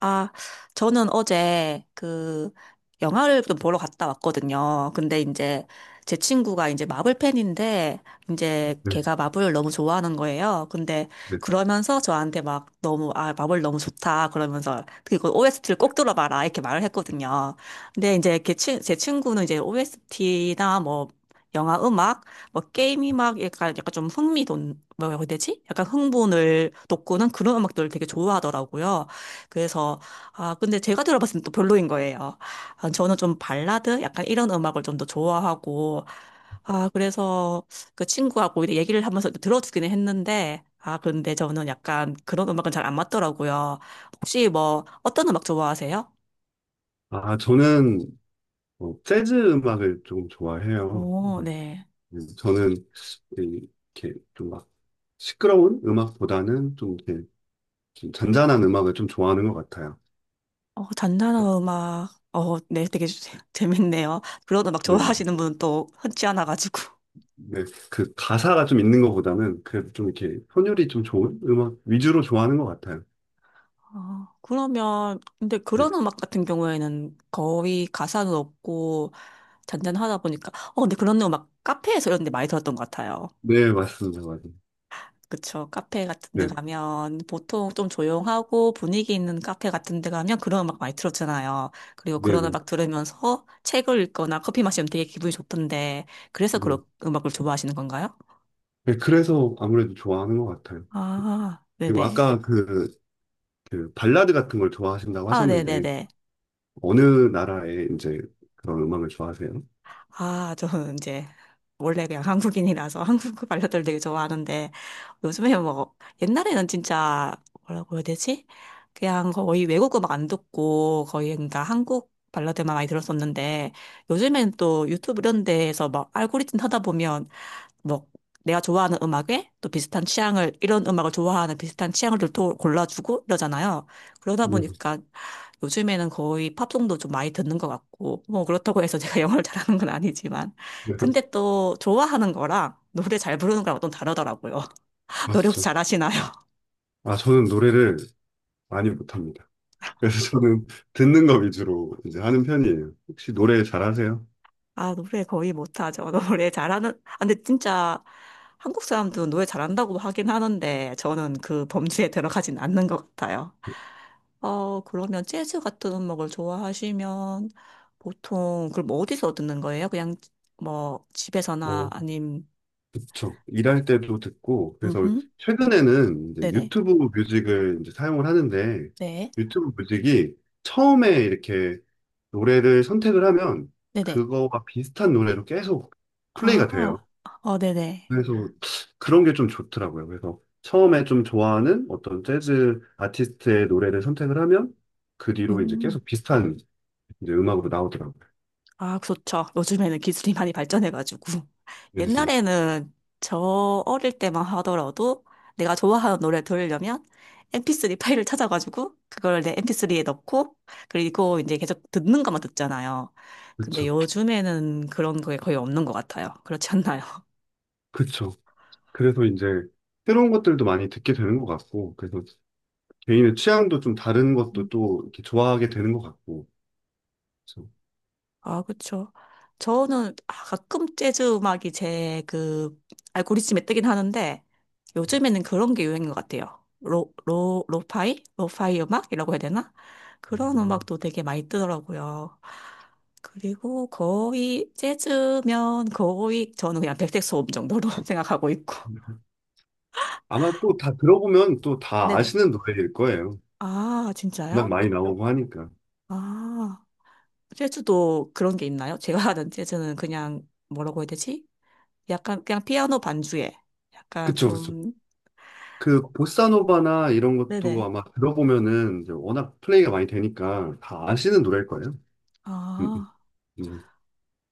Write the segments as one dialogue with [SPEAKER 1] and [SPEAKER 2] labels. [SPEAKER 1] 아, 저는 어제 그 영화를 좀 보러 갔다 왔거든요. 근데 이제 제 친구가 이제 마블 팬인데 이제
[SPEAKER 2] 네,
[SPEAKER 1] 걔가 마블을 너무 좋아하는 거예요. 근데
[SPEAKER 2] 네.
[SPEAKER 1] 그러면서 저한테 막 너무 아, 마블 너무 좋다 그러면서 그리고 OST를 꼭 들어봐라 이렇게 말을 했거든요. 근데 이제 제 친구는 이제 OST나 뭐 영화 음악, 뭐 게임이 막 약간 좀 흥미돈 뭐라고 해야 되지? 약간 흥분을 돋구는 그런 음악들을 되게 좋아하더라고요. 그래서 아 근데 제가 들어봤을 때 또 별로인 거예요. 아, 저는 좀 발라드 약간 이런 음악을 좀 더 좋아하고 아 그래서 그 친구하고 이렇게 얘기를 하면서 들어주기는 했는데 아 근데 저는 약간 그런 음악은 잘 안 맞더라고요. 혹시 뭐 어떤 음악 좋아하세요?
[SPEAKER 2] 아, 저는 재즈 음악을 좀 좋아해요.
[SPEAKER 1] 오,
[SPEAKER 2] 그래서
[SPEAKER 1] 네.
[SPEAKER 2] 저는 이- 이렇게 좀 막 시끄러운 음악보다는 좀 이렇게 좀 잔잔한 음악을 좀 좋아하는 것 같아요.
[SPEAKER 1] 어, 잔잔한 음악. 어, 네, 되게 재밌네요. 그런 음악
[SPEAKER 2] 네, 네.
[SPEAKER 1] 좋아하시는 분은 또 흔치 않아가지고.
[SPEAKER 2] 네, 그 가사가 좀 있는 것보다는 그래도 좀 이렇게 선율이 좀 좋은 음악 위주로 좋아하는 것 같아요.
[SPEAKER 1] 어, 그러면, 근데
[SPEAKER 2] 네,
[SPEAKER 1] 그런 음악 같은 경우에는 거의 가사는 없고, 잔잔하다 보니까 어 근데 그런 거막 카페에서 이런 데 많이 들었던 것 같아요.
[SPEAKER 2] 네, 맞습니다. 맞아요.
[SPEAKER 1] 그쵸. 카페 같은 데
[SPEAKER 2] 네,
[SPEAKER 1] 가면 보통 좀 조용하고 분위기 있는 카페 같은 데 가면 그런 음악 많이 들었잖아요. 그리고
[SPEAKER 2] 네,
[SPEAKER 1] 그런
[SPEAKER 2] 네.
[SPEAKER 1] 음악 들으면서 책을 읽거나 커피 마시면 되게 기분이 좋던데 그래서
[SPEAKER 2] 네.
[SPEAKER 1] 그런 음악을 좋아하시는 건가요?
[SPEAKER 2] 네, 그래서 아무래도 좋아하는 것 같아요.
[SPEAKER 1] 아,
[SPEAKER 2] 그리고
[SPEAKER 1] 네네.
[SPEAKER 2] 아까 그 발라드 같은 걸 좋아하신다고
[SPEAKER 1] 아,
[SPEAKER 2] 하셨는데
[SPEAKER 1] 네네네.
[SPEAKER 2] 어느 나라의 이제 그런 음악을 좋아하세요?
[SPEAKER 1] 아, 저는 이제 원래 그냥 한국인이라서 한국 발라드를 되게 좋아하는데 요즘에 뭐 옛날에는 진짜 뭐라고 해야 되지? 그냥 거의 외국 음악 안 듣고 거의 그러니까 한국 발라드만 많이 들었었는데 요즘엔 또 유튜브 이런 데에서 막 알고리즘 하다 보면 뭐 내가 좋아하는 음악에 또 비슷한 취향을 이런 음악을 좋아하는 비슷한 취향을 또 골라주고 이러잖아요. 그러다
[SPEAKER 2] 음,
[SPEAKER 1] 보니까 요즘에는 거의 팝송도 좀 많이 듣는 것 같고 뭐 그렇다고 해서 제가 영어를 잘하는 건 아니지만
[SPEAKER 2] 네,
[SPEAKER 1] 근데 또 좋아하는 거랑 노래 잘 부르는 거랑 좀 다르더라고요. 노래 혹시
[SPEAKER 2] 맞죠.
[SPEAKER 1] 잘하시나요?
[SPEAKER 2] 아, 저는 노래를 많이 못합니다. 그래서 저는 듣는 거 위주로 이제 하는 편이에요. 혹시 노래 잘하세요?
[SPEAKER 1] 아 노래 거의 못하죠. 노래 잘하는 아, 근데 진짜 한국 사람들은 노래 잘한다고 하긴 하는데 저는 그 범주에 들어가진 않는 것 같아요. 어, 그러면 재즈 같은 음악을 좋아하시면 보통 그럼 뭐 어디서 듣는 거예요? 그냥 뭐 집에서나
[SPEAKER 2] 어,
[SPEAKER 1] 아님
[SPEAKER 2] 그쵸. 일할 때도 듣고, 그래서
[SPEAKER 1] 음
[SPEAKER 2] 최근에는 이제
[SPEAKER 1] 네네.
[SPEAKER 2] 유튜브 뮤직을 이제 사용을 하는데,
[SPEAKER 1] 네.
[SPEAKER 2] 유튜브 뮤직이 처음에 이렇게 노래를 선택을 하면
[SPEAKER 1] 네네.
[SPEAKER 2] 그거와 비슷한 노래로 계속 플레이가
[SPEAKER 1] 아,
[SPEAKER 2] 돼요.
[SPEAKER 1] 어 네네.
[SPEAKER 2] 그래서 그런 게 좀 좋더라고요. 그래서 처음에 좀 좋아하는 어떤 재즈 아티스트의 노래를 선택을 하면 그 뒤로 이제
[SPEAKER 1] 음.
[SPEAKER 2] 계속 비슷한 이제 음악으로 나오더라고요.
[SPEAKER 1] 아, 그렇죠. 요즘에는 기술이 많이 발전해가지고.
[SPEAKER 2] 네, 네.
[SPEAKER 1] 옛날에는 저 어릴 때만 하더라도 내가 좋아하는 노래 들으려면 MP3 파일을 찾아가지고 그걸 내 MP3에 넣고 그리고 이제 계속 듣는 것만 듣잖아요. 근데
[SPEAKER 2] 그쵸.
[SPEAKER 1] 요즘에는 그런 게 거의 없는 것 같아요. 그렇지 않나요?
[SPEAKER 2] 그쵸. 그래서 이제 새로운 것들도 많이 듣게 되는 것 같고, 그래서 개인의 취향도 좀 다른 것도 또 이렇게 좋아하게 되는 것 같고. 그래서
[SPEAKER 1] 아, 그쵸. 저는 아, 가끔 재즈 음악이 제 그 알고리즘에 뜨긴 하는데 요즘에는 그런 게 유행인 것 같아요. 로파이? 로파이 음악이라고 해야 되나? 그런
[SPEAKER 2] 뭔가
[SPEAKER 1] 음악도 되게 많이 뜨더라고요. 그리고 거의 재즈면 거의 저는 그냥 백색 소음 정도로 생각하고 있고.
[SPEAKER 2] 아마 또 다 들어보면 또 다
[SPEAKER 1] 네네.
[SPEAKER 2] 아시는 노래일 거예요.
[SPEAKER 1] 아,
[SPEAKER 2] 워낙
[SPEAKER 1] 진짜요?
[SPEAKER 2] 많이 나오고 하니까.
[SPEAKER 1] 아, 재즈도 그런 게 있나요? 제가 아는 재즈는 그냥 뭐라고 해야 되지? 약간 그냥 피아노 반주에 약간
[SPEAKER 2] 그쵸, 그쵸.
[SPEAKER 1] 좀
[SPEAKER 2] 그 보사노바나 이런 것도
[SPEAKER 1] 네네.
[SPEAKER 2] 아마 들어보면은 이제 워낙 플레이가 많이 되니까 다 아시는 노래일 거예요. 음,
[SPEAKER 1] 아
[SPEAKER 2] 음, 음.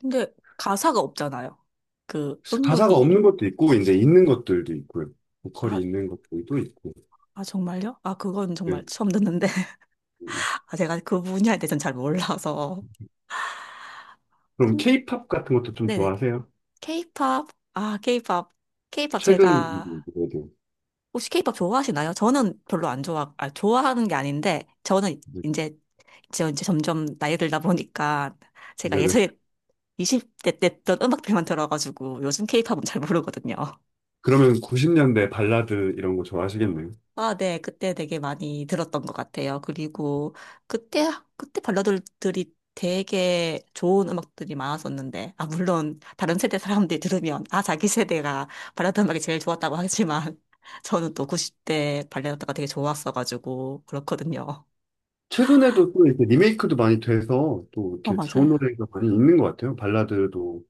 [SPEAKER 1] 근데 가사가 없잖아요. 그
[SPEAKER 2] 가사가
[SPEAKER 1] 음요리
[SPEAKER 2] 없는 것도 있고 이제 있는 것들도 있고요.
[SPEAKER 1] 아,
[SPEAKER 2] 보컬이 있는 것들도 있고.
[SPEAKER 1] 아 정말요? 아 그건
[SPEAKER 2] 네.
[SPEAKER 1] 정말 처음 듣는데
[SPEAKER 2] 음.
[SPEAKER 1] 아 제가 그 분야에 대해서는 잘 몰라서
[SPEAKER 2] 그럼
[SPEAKER 1] 근데
[SPEAKER 2] 케이팝 같은 것도 좀
[SPEAKER 1] 네네
[SPEAKER 2] 좋아하세요?
[SPEAKER 1] 케이팝 아 케이팝 케이팝 제가
[SPEAKER 2] 최근 그래도
[SPEAKER 1] 혹시 케이팝 좋아하시나요? 저는 별로 안 좋아, 아, 좋아하는 게 아닌데, 저는 이제, 저 이제 점점 나이 들다 보니까, 제가
[SPEAKER 2] 네네.
[SPEAKER 1] 예전에 20대 때 했던 음악들만 들어가지고, 요즘 케이팝은 잘 모르거든요.
[SPEAKER 2] 그러면 90년대 발라드 이런 거 좋아하시겠네요.
[SPEAKER 1] 아, 네. 그때 되게 많이 들었던 것 같아요. 그리고 그때, 그때 발라드들이 되게 좋은 음악들이 많았었는데, 아, 물론 다른 세대 사람들이 들으면, 아, 자기 세대가 발라드 음악이 제일 좋았다고 하지만, 저는 또 90대 발라드가 되게 좋았어가지고, 그렇거든요.
[SPEAKER 2] 최근에도 또 이렇게 리메이크도 많이 돼서 또
[SPEAKER 1] 어,
[SPEAKER 2] 이렇게 좋은
[SPEAKER 1] 맞아요.
[SPEAKER 2] 노래가 많이 있는 것 같아요. 발라드도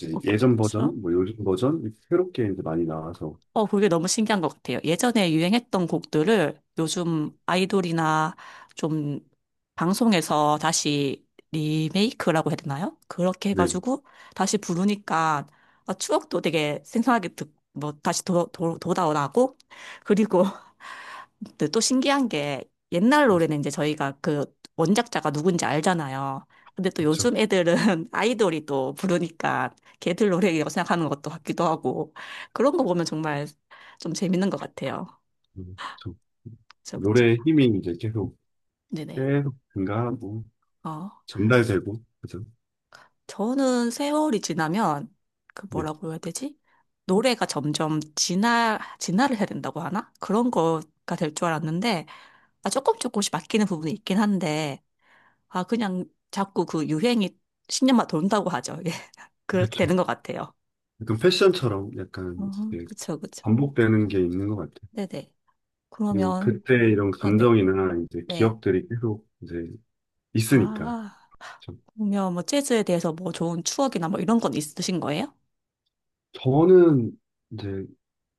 [SPEAKER 2] 이제
[SPEAKER 1] 어,
[SPEAKER 2] 예전
[SPEAKER 1] 그렇죠.
[SPEAKER 2] 버전, 뭐 요즘 버전 이렇게 새롭게 이제 많이 나와서
[SPEAKER 1] 어, 그게 너무 신기한 것 같아요. 예전에 유행했던 곡들을 요즘 아이돌이나 좀 방송에서 다시 리메이크라고 해야 되나요? 그렇게
[SPEAKER 2] 네,
[SPEAKER 1] 해가지고 다시 부르니까 아, 추억도 되게 생생하게 듣, 뭐 다시 돌아오고 그리고 근데 또 신기한 게 옛날 노래는 이제 저희가 그 원작자가 누군지 알잖아요. 근데 또
[SPEAKER 2] 그렇죠.
[SPEAKER 1] 요즘 애들은 아이돌이 또 부르니까 걔들 노래라고 생각하는 것도 같기도 하고 그런 거 보면 정말 좀 재밌는 것 같아요.
[SPEAKER 2] 그렇죠.
[SPEAKER 1] 그렇죠.
[SPEAKER 2] 노래의 힘이 이제 계속
[SPEAKER 1] 네네.
[SPEAKER 2] 계속 증가하고
[SPEAKER 1] 어,
[SPEAKER 2] 전달되고 그죠?
[SPEAKER 1] 저는 세월이 지나면 그
[SPEAKER 2] 네,
[SPEAKER 1] 뭐라고 해야 되지? 노래가 점점 진화를 해야 된다고 하나? 그런 거가 될 줄 알았는데 아, 조금씩 바뀌는 부분이 있긴 한데 아, 그냥 자꾸 그 유행이 10년만 돈다고 하죠. 예. 그렇게
[SPEAKER 2] 그렇죠.
[SPEAKER 1] 되는 것 같아요.
[SPEAKER 2] 약간 패션처럼 약간
[SPEAKER 1] 어,
[SPEAKER 2] 이제
[SPEAKER 1] 그쵸.
[SPEAKER 2] 반복되는 게 있는 것 같아요.
[SPEAKER 1] 네네.
[SPEAKER 2] 그리고
[SPEAKER 1] 그러면,
[SPEAKER 2] 그때 이런
[SPEAKER 1] 아, 네.
[SPEAKER 2] 감정이나 이제
[SPEAKER 1] 네.
[SPEAKER 2] 기억들이 계속 이제 있으니까.
[SPEAKER 1] 아,
[SPEAKER 2] 그렇죠.
[SPEAKER 1] 그러면 뭐 재즈에 대해서 뭐 좋은 추억이나 뭐 이런 건 있으신 거예요?
[SPEAKER 2] 저는 이제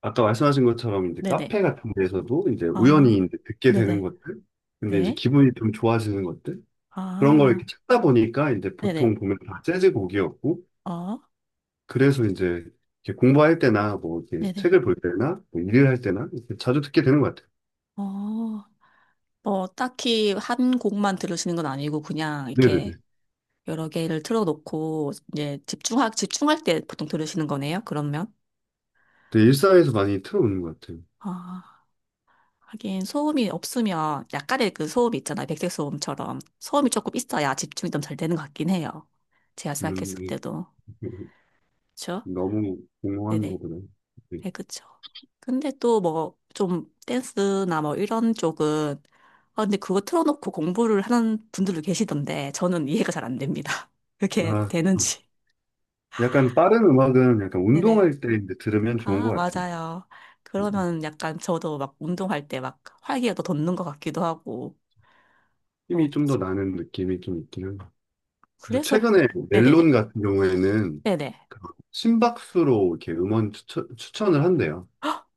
[SPEAKER 2] 아까 말씀하신 것처럼 이제
[SPEAKER 1] 네네.
[SPEAKER 2] 카페 같은 데서도 이제 우연히
[SPEAKER 1] 아,
[SPEAKER 2] 이제 듣게 되는
[SPEAKER 1] 네네.
[SPEAKER 2] 것들, 근데 이제
[SPEAKER 1] 네.
[SPEAKER 2] 기분이 좀 좋아지는 것들 그런 걸
[SPEAKER 1] 아,
[SPEAKER 2] 이렇게 찾다 보니까 이제
[SPEAKER 1] 네네.
[SPEAKER 2] 보통 보면 다 재즈 곡이었고.
[SPEAKER 1] 어,
[SPEAKER 2] 그래서 이제 이렇게 공부할 때나 뭐 이렇게
[SPEAKER 1] 네네.
[SPEAKER 2] 책을 볼 때나 뭐 일을 할 때나 이렇게 자주 듣게 되는 것 같아요.
[SPEAKER 1] 어, 뭐 딱히 한 곡만 들으시는 건 아니고 그냥
[SPEAKER 2] 네네네.
[SPEAKER 1] 이렇게 여러 개를 틀어놓고 이제 집중할 때 보통 들으시는 거네요, 그러면?
[SPEAKER 2] 근데 일상에서 많이 틀어오는 것 같아요.
[SPEAKER 1] 아, 하긴 소음이 없으면 약간의 그 소음이 있잖아요. 백색 소음처럼 소음이 조금 있어야 집중이 좀 잘 되는 것 같긴 해요. 제가 생각했을
[SPEAKER 2] 네.
[SPEAKER 1] 때도. 그쵸?
[SPEAKER 2] 너무 공허한
[SPEAKER 1] 네네.
[SPEAKER 2] 거구나. 네.
[SPEAKER 1] 네, 그쵸. 근데 또 뭐 좀 댄스나 뭐 이런 쪽은 아, 근데 그거 틀어놓고 공부를 하는 분들도 계시던데 저는 이해가 잘 안 됩니다. 그렇게
[SPEAKER 2] 아,
[SPEAKER 1] 되는지.
[SPEAKER 2] 약간 빠른 음악은 약간
[SPEAKER 1] 네네.
[SPEAKER 2] 운동할 때 이제 들으면 좋은 것
[SPEAKER 1] 아,
[SPEAKER 2] 같아요.
[SPEAKER 1] 맞아요.
[SPEAKER 2] 음,
[SPEAKER 1] 그러면 약간 저도 막 운동할 때 막 활기가 더 돋는 것 같기도 하고. 어,
[SPEAKER 2] 힘이 좀 더
[SPEAKER 1] 그쵸.
[SPEAKER 2] 나는 느낌이 좀 있긴 는 그래서
[SPEAKER 1] 그래서
[SPEAKER 2] 최근에 멜론
[SPEAKER 1] 네네네.
[SPEAKER 2] 같은 경우에는
[SPEAKER 1] 네네.
[SPEAKER 2] 그 심박수로 이렇게 음원 추천을 한대요.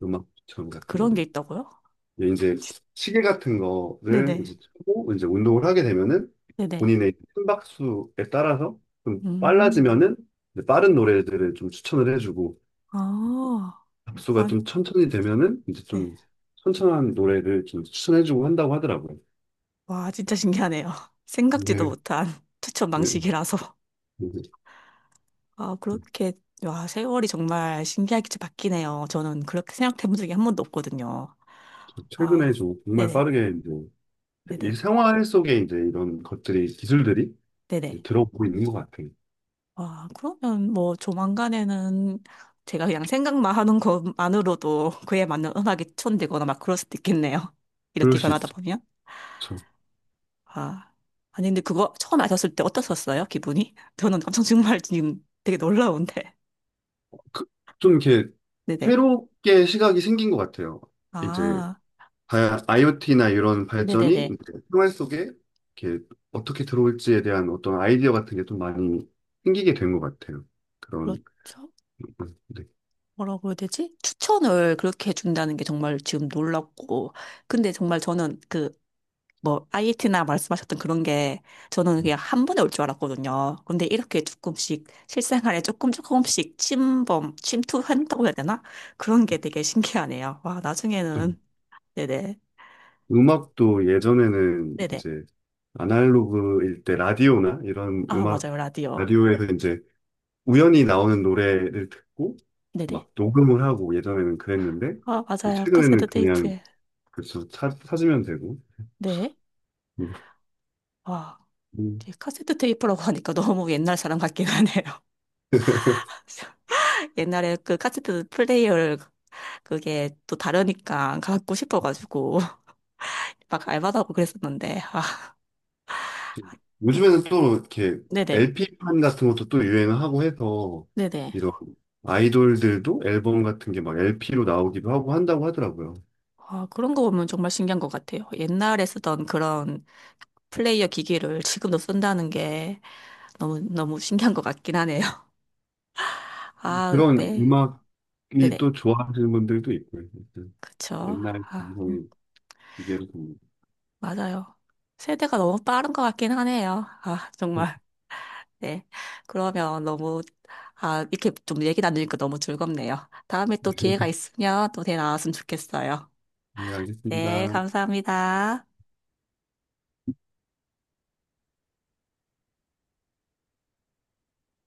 [SPEAKER 2] 음악 추천 같은
[SPEAKER 1] 그런
[SPEAKER 2] 거를.
[SPEAKER 1] 게 있다고요?
[SPEAKER 2] 근데 이제 시계 같은 거를
[SPEAKER 1] 네네.
[SPEAKER 2] 이제 차고 이제 운동을 하게 되면은
[SPEAKER 1] 네네.
[SPEAKER 2] 본인의 심박수에 따라서 좀
[SPEAKER 1] 음.
[SPEAKER 2] 빨라지면은 이제 빠른
[SPEAKER 1] 네.
[SPEAKER 2] 노래들을 좀 추천을 해주고
[SPEAKER 1] 아,
[SPEAKER 2] 박수가
[SPEAKER 1] 아,
[SPEAKER 2] 좀 천천히 되면은 이제
[SPEAKER 1] 네.
[SPEAKER 2] 좀 천천한 노래를 좀 추천해주고 한다고 하더라고요.
[SPEAKER 1] 와, 진짜 신기하네요. 생각지도
[SPEAKER 2] 네.
[SPEAKER 1] 못한 추천
[SPEAKER 2] 네.
[SPEAKER 1] 방식이라서.
[SPEAKER 2] 이제
[SPEAKER 1] 아, 그렇게, 와, 세월이 정말 신기하게 바뀌네요. 저는 그렇게 생각해 본 적이 한 번도 없거든요.
[SPEAKER 2] 최근에
[SPEAKER 1] 와,
[SPEAKER 2] 좀 정말
[SPEAKER 1] 네네.
[SPEAKER 2] 빠르게 이제 이
[SPEAKER 1] 네네.
[SPEAKER 2] 생활 속에 이제 이런 것들이 기술들이 이제
[SPEAKER 1] 네네.
[SPEAKER 2] 들어오고 있는 것 같아요.
[SPEAKER 1] 와, 그러면 뭐 조만간에는 제가 그냥 생각만 하는 것만으로도 그에 맞는 음악이 추천되거나 막 그럴 수도 있겠네요.
[SPEAKER 2] 그럴
[SPEAKER 1] 이렇게
[SPEAKER 2] 수
[SPEAKER 1] 변하다
[SPEAKER 2] 있죠.
[SPEAKER 1] 보면. 아, 아니, 근데 그거 처음 아셨을 때 어떠셨어요? 기분이? 저는 엄청 정말 지금 되게 놀라운데.
[SPEAKER 2] 그- 좀 이렇게
[SPEAKER 1] 네네.
[SPEAKER 2] 새롭게 시각이 생긴 것 같아요. 이제
[SPEAKER 1] 아,
[SPEAKER 2] IoT나 이런 발전이
[SPEAKER 1] 네네네.
[SPEAKER 2] 이제 생활 속에 이렇게 어떻게 들어올지에 대한 어떤 아이디어 같은 게 좀 많이 생기게 된 것 같아요. 그런
[SPEAKER 1] 그렇죠.
[SPEAKER 2] 네.
[SPEAKER 1] 뭐라고 해야 되지? 추천을 그렇게 해준다는 게 정말 지금 놀랍고. 근데 정말 저는 그, 뭐, IET나 말씀하셨던 그런 게 저는 그냥 한 번에 올 줄 알았거든요. 근데 이렇게 조금씩 실생활에 조금씩 침투한다고 해야 되나? 그런 게 되게 신기하네요. 와,
[SPEAKER 2] 좀
[SPEAKER 1] 나중에는. 네네.
[SPEAKER 2] 음악도 예전에는
[SPEAKER 1] 네네.
[SPEAKER 2] 이제 아날로그일 때 라디오나 이런
[SPEAKER 1] 아,
[SPEAKER 2] 음악
[SPEAKER 1] 맞아요. 라디오.
[SPEAKER 2] 라디오에서 이제 우연히 나오는 노래를 듣고
[SPEAKER 1] 네네.
[SPEAKER 2] 막 녹음을 하고 예전에는 그랬는데
[SPEAKER 1] 아, 맞아요.
[SPEAKER 2] 최근에는
[SPEAKER 1] 카세트
[SPEAKER 2] 그냥
[SPEAKER 1] 테이프에.
[SPEAKER 2] 그렇죠. 찾으면 되고.
[SPEAKER 1] 네.
[SPEAKER 2] 음.
[SPEAKER 1] 와,
[SPEAKER 2] 음.
[SPEAKER 1] 이제 카세트 테이프라고 하니까 너무 옛날 사람 같긴 하네요. 옛날에 그 카세트 플레이어를 그게 또 다르니까 갖고 싶어가지고 막 알바하고 그랬었는데. 아,
[SPEAKER 2] 요즘에는 또 이렇게
[SPEAKER 1] 네네.
[SPEAKER 2] LP판 같은 것도 또 유행을 하고 해서
[SPEAKER 1] 네네.
[SPEAKER 2] 이런 아이돌들도 앨범 같은 게 막 LP로 나오기도 하고 한다고 하더라고요.
[SPEAKER 1] 아, 그런 거 보면 정말 신기한 것 같아요. 옛날에 쓰던 그런 플레이어 기기를 지금도 쓴다는 게 너무 신기한 것 같긴 하네요. 아,
[SPEAKER 2] 그런
[SPEAKER 1] 네.
[SPEAKER 2] 음악이 또
[SPEAKER 1] 네네.
[SPEAKER 2] 좋아하시는 분들도 있고요. 아무튼
[SPEAKER 1] 그쵸.
[SPEAKER 2] 옛날
[SPEAKER 1] 아. 음.
[SPEAKER 2] 감성의 기계로 좀.
[SPEAKER 1] 맞아요. 세대가 너무 빠른 것 같긴 하네요. 아, 정말. 네. 그러면 너무, 아, 이렇게 좀 얘기 나누니까 너무 즐겁네요. 다음에 또 기회가 있으면 또 대 나왔으면 좋겠어요.
[SPEAKER 2] 네,
[SPEAKER 1] 네,
[SPEAKER 2] 알겠습니다.
[SPEAKER 1] 감사합니다.